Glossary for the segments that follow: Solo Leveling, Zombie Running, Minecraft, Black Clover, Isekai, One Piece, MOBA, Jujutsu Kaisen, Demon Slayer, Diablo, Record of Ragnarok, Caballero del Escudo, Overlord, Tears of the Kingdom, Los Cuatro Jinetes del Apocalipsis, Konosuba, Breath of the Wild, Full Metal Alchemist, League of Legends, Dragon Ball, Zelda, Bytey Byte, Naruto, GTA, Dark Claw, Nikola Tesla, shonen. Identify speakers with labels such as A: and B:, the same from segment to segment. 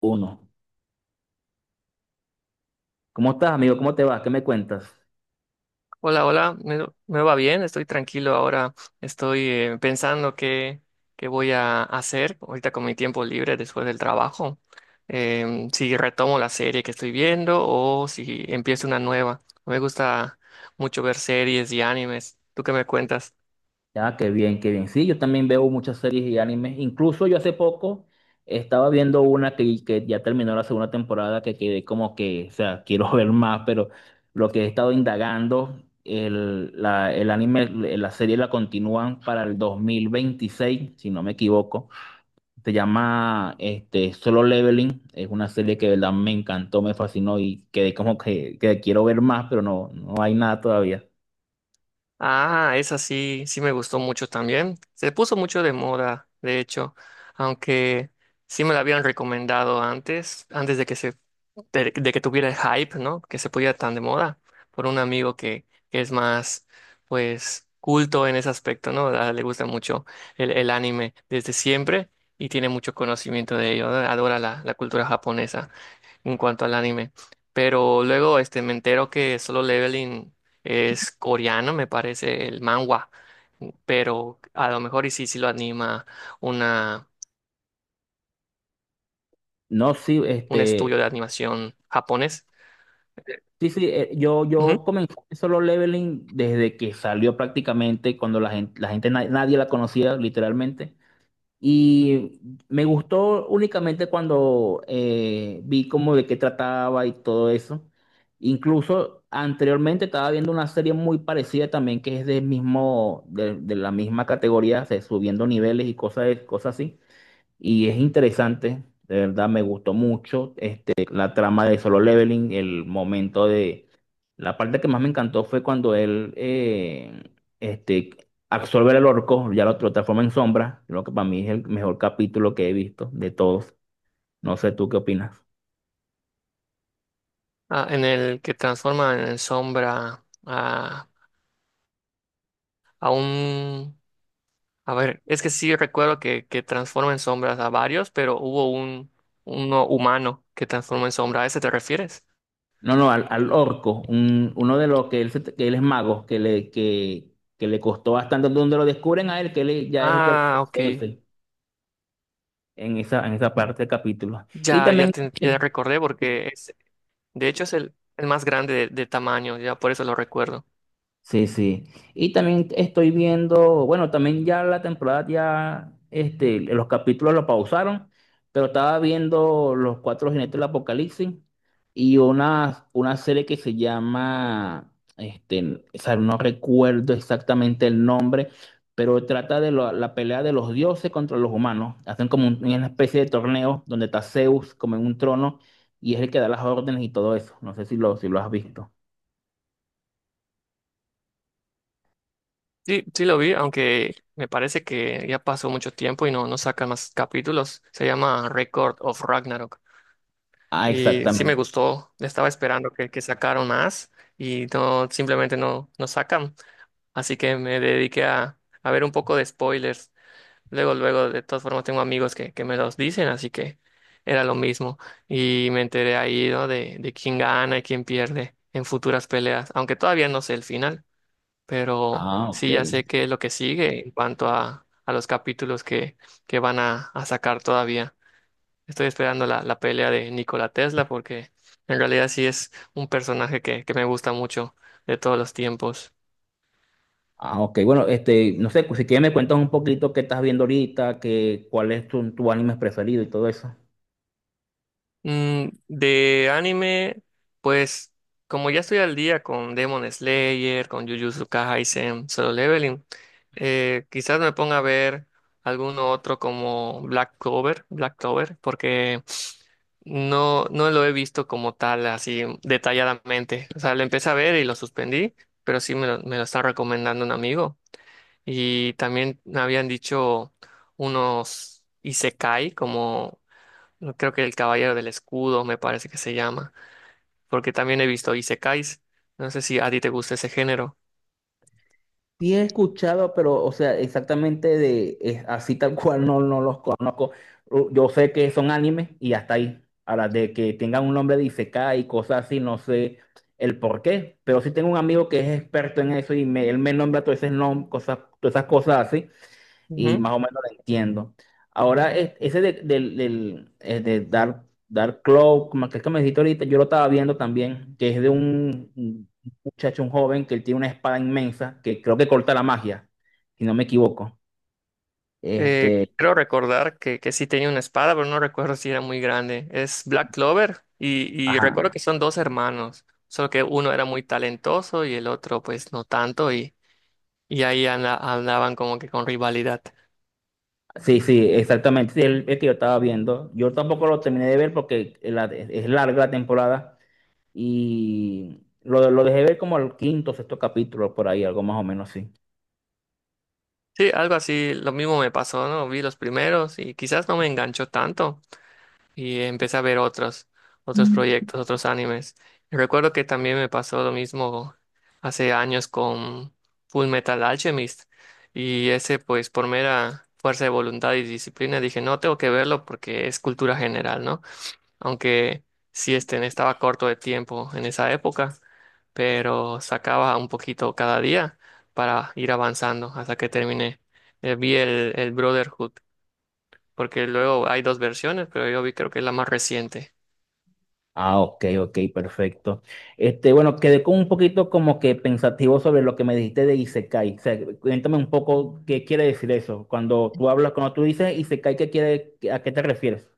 A: Uno. ¿Cómo estás, amigo? ¿Cómo te va? ¿Qué me cuentas?
B: Hola, hola, me va bien, estoy tranquilo ahora, estoy pensando qué voy a hacer ahorita con mi tiempo libre después del trabajo. Si retomo la serie que estoy viendo o si empiezo una nueva. Me gusta mucho ver series y animes. ¿Tú qué me cuentas?
A: Ya, qué bien, qué bien. Sí, yo también veo muchas series y animes. Incluso yo hace poco estaba viendo una que ya terminó la segunda temporada, que quedé como que, o sea, quiero ver más, pero lo que he estado indagando, el anime, la serie la continúan para el 2026, si no me equivoco. Se llama este, Solo Leveling. Es una serie que de verdad me encantó, me fascinó y quedé como que quiero ver más, pero no, no hay nada todavía.
B: Ah, esa sí, sí me gustó mucho también. Se puso mucho de moda, de hecho, aunque sí me la habían recomendado antes, de que tuviera el hype, ¿no? Que se pudiera tan de moda por un amigo que es más, pues, culto en ese aspecto, ¿no? Le gusta mucho el anime desde siempre y tiene mucho conocimiento de ello, ¿no? Adora la cultura japonesa en cuanto al anime. Pero luego este, me entero que Solo Leveling es coreano, me parece, el manhwa. Pero a lo mejor y sí, sí lo anima una,
A: No, sí,
B: un estudio
A: este,
B: de animación japonés.
A: sí, sí, yo,
B: Ujú.
A: yo comencé Solo Leveling desde que salió prácticamente, cuando nadie la conocía literalmente. Y me gustó únicamente cuando vi como de qué trataba y todo eso. Incluso anteriormente estaba viendo una serie muy parecida también que es del mismo, de la misma categoría, o sea, subiendo niveles y cosas, cosas así. Y es interesante, de verdad me gustó mucho este, la trama de Solo Leveling, el momento de... La parte que más me encantó fue cuando él este, absorbe al orco, ya lo transforma en sombra, lo que para mí es el mejor capítulo que he visto de todos. No sé tú qué opinas.
B: Ah, ¿en el que transforma en sombra a un... es que sí recuerdo que transforma en sombras a varios, pero hubo un uno humano que transforma en sombra? ¿A ese te refieres?
A: No, no, al, al orco, uno de los que que él es mago, que le costó bastante, donde lo descubren a él, que él ya es el que-
B: Ah, ok.
A: el jefe en esa parte del capítulo. Y
B: Ya, ya,
A: también...
B: ya recordé porque de hecho, es el más grande de tamaño, ya por eso lo recuerdo.
A: Sí, sí. Y también estoy viendo, bueno, también ya la temporada ya, este, los capítulos lo pausaron, pero estaba viendo Los Cuatro Jinetes del Apocalipsis y una serie que se llama, este, o sea, no recuerdo exactamente el nombre, pero trata de la pelea de los dioses contra los humanos. Hacen como una especie de torneo donde está Zeus como en un trono y es el que da las órdenes y todo eso. No sé si lo, si lo has visto.
B: Sí, sí lo vi, aunque me parece que ya pasó mucho tiempo y no, no sacan más capítulos. Se llama Record of Ragnarok.
A: Ah,
B: Y sí me
A: exactamente.
B: gustó, estaba esperando que sacaran más y no, simplemente no, no sacan. Así que me dediqué a ver un poco de spoilers. Luego, luego, de todas formas, tengo amigos que me los dicen, así que era lo mismo. Y me enteré ahí, ¿no? De quién gana y quién pierde en futuras peleas, aunque todavía no sé el final, pero
A: Ah, ok.
B: sí ya sé qué es lo que sigue en cuanto a los capítulos que van a sacar todavía. Estoy esperando la pelea de Nikola Tesla porque en realidad sí es un personaje que me gusta mucho de todos los tiempos.
A: Ah, ok, bueno, este, no sé, si quieres me cuentas un poquito qué estás viendo ahorita, qué, cuál es tu, tu anime preferido y todo eso.
B: Mm, de anime, pues como ya estoy al día con Demon Slayer, con Jujutsu Kaisen, Solo Leveling, quizás me ponga a ver alguno otro como Black Clover, porque no, no lo he visto como tal, así detalladamente. O sea, lo empecé a ver y lo suspendí, pero sí me lo está recomendando un amigo. Y también me habían dicho unos Isekai como no, creo que el Caballero del Escudo me parece que se llama, porque también he visto Isekais. No sé si a ti te gusta ese género.
A: Sí he escuchado, pero, o sea, exactamente de, es así tal cual no, no los conozco. Yo sé que son animes y hasta ahí. Ahora, de que tengan un nombre de Isekai y cosas así, no sé el por qué, pero sí tengo un amigo que es experto en eso y me, él me nombra cosas, todas esas cosas así. Y
B: Ujú.
A: más o menos lo entiendo. Ahora, ese de Dark Claw, como aquel que me dijiste ahorita, yo lo estaba viendo también, que es de un muchacho, un joven, que él tiene una espada inmensa, que creo que corta la magia, si no me equivoco. Este,
B: Creo recordar que sí tenía una espada, pero no recuerdo si era muy grande. Es Black Clover y recuerdo
A: ajá.
B: que son dos hermanos, solo que uno era muy talentoso y el otro pues no tanto y ahí andaban como que con rivalidad.
A: Sí, sí, exactamente. Sí, el que yo estaba viendo. Yo tampoco lo terminé de ver porque es larga la temporada y lo dejé ver como el quinto, sexto capítulo, por ahí, algo más o menos así.
B: Sí, algo así, lo mismo me pasó, ¿no? Vi los primeros y quizás no me enganchó tanto y empecé a ver otros, otros proyectos, otros animes. Y recuerdo que también me pasó lo mismo hace años con Full Metal Alchemist y ese pues por mera fuerza de voluntad y disciplina dije, no, tengo que verlo porque es cultura general, ¿no? Aunque sí este, estaba corto de tiempo en esa época, pero sacaba un poquito cada día para ir avanzando hasta que terminé. Vi el Brotherhood porque luego hay dos versiones, pero yo vi creo que es la más reciente.
A: Ah, ok, ok, perfecto. Este, bueno, quedé con un poquito como que pensativo sobre lo que me dijiste de Isekai. O sea, cuéntame un poco qué quiere decir eso. Cuando tú hablas, cuando tú dices Isekai, ¿qué quiere, a qué te refieres?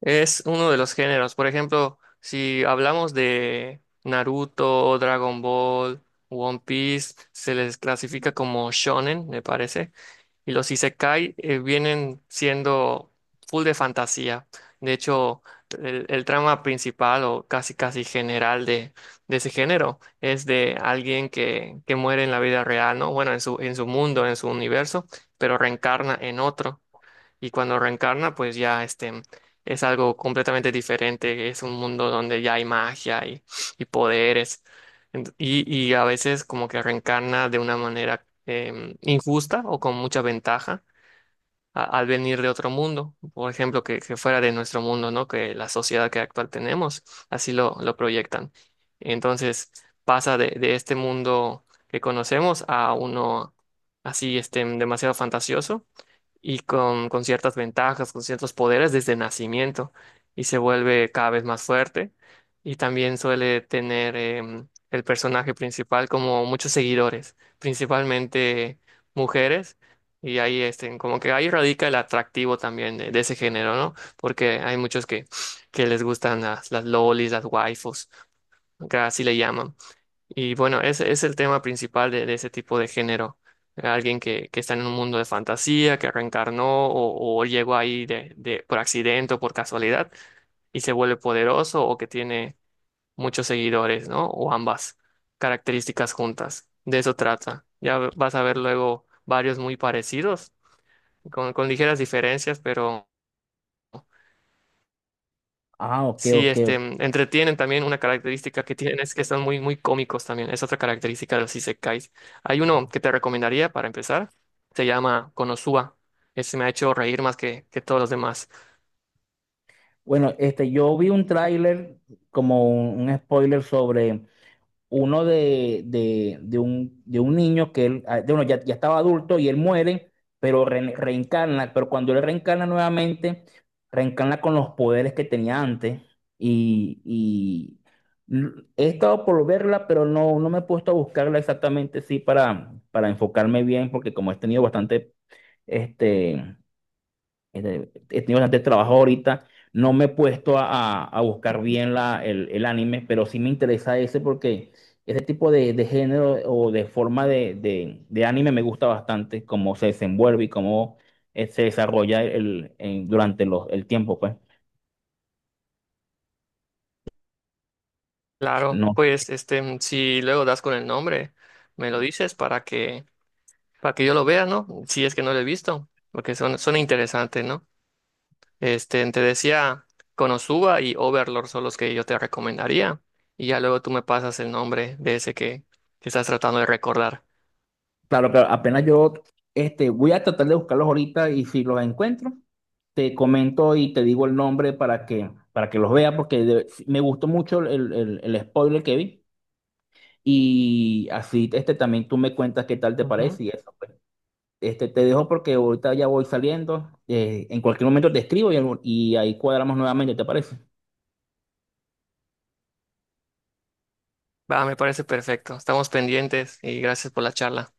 B: Es uno de los géneros. Por ejemplo, si hablamos de Naruto, Dragon Ball, One Piece, se les clasifica como shonen, me parece. Y los isekai vienen siendo full de fantasía. De hecho, el trama principal o casi casi general de ese género es de alguien que muere en la vida real, ¿no? Bueno, en su mundo, en su universo, pero reencarna en otro y cuando reencarna, pues ya este, es algo completamente diferente, es un mundo donde ya hay magia y poderes. Ent- y, y a veces como que reencarna de una manera injusta o con mucha ventaja al venir de otro mundo, por ejemplo, que fuera de nuestro mundo, ¿no? Que la sociedad que actual tenemos, así lo proyectan. Entonces pasa de este mundo que conocemos a uno así este, demasiado fantasioso y con ciertas ventajas, con ciertos poderes desde nacimiento y se vuelve cada vez más fuerte y también suele tener el personaje principal como muchos seguidores, principalmente mujeres y ahí este, como que ahí radica el atractivo también de ese género, ¿no? Porque hay muchos que les gustan las lolis, las waifus, que así le llaman. Y bueno, ese es el tema principal de ese tipo de género. Alguien que está en un mundo de fantasía, que reencarnó o llegó ahí de, por accidente o por casualidad y se vuelve poderoso o que tiene muchos seguidores, ¿no? O ambas características juntas. De eso trata. Ya vas a ver luego varios muy parecidos, con ligeras diferencias, pero
A: Ah, ok,
B: sí,
A: ok.
B: este,
A: Ok.
B: mm, entretienen también. Una característica que tienen es que están muy, muy cómicos también. Es otra característica de los isekais. Hay uno que te recomendaría para empezar. Se llama Konosuba. Ese me ha hecho reír más que todos los demás.
A: Bueno, este, yo vi un tráiler como un spoiler sobre uno de un niño que él, ah, de uno ya, ya estaba adulto y él muere, pero reencarna, pero cuando él reencarna nuevamente, reencarna con los poderes que tenía antes. Y he estado por verla, pero no, no me he puesto a buscarla exactamente, sí, para enfocarme bien, porque como he tenido bastante, este he tenido bastante trabajo ahorita. No me he puesto a, a buscar bien la, el anime, pero sí me interesa ese porque ese tipo de género o de forma de, de anime me gusta bastante, cómo se desenvuelve y cómo se desarrolla el, durante los, el tiempo, pues.
B: Claro,
A: No,
B: pues este, mm, si luego das con el nombre, me lo dices para que yo lo vea, ¿no? Si es que no lo he visto, porque son, son interesantes, ¿no? Este, te decía, Konosuba y Overlord son los que yo te recomendaría. Y ya luego tú me pasas el nombre de ese que estás tratando de recordar.
A: claro, claro, apenas yo este, voy a tratar de buscarlos ahorita y si los encuentro, te comento y te digo el nombre para que los veas, porque me gustó mucho el, el spoiler que vi. Y así, este también tú me cuentas qué tal te
B: Ujú.
A: parece y eso, pues. Este, te dejo porque ahorita ya voy saliendo. En cualquier momento te escribo y ahí cuadramos nuevamente, ¿te parece?
B: Va, me parece perfecto. Estamos pendientes y gracias por la charla.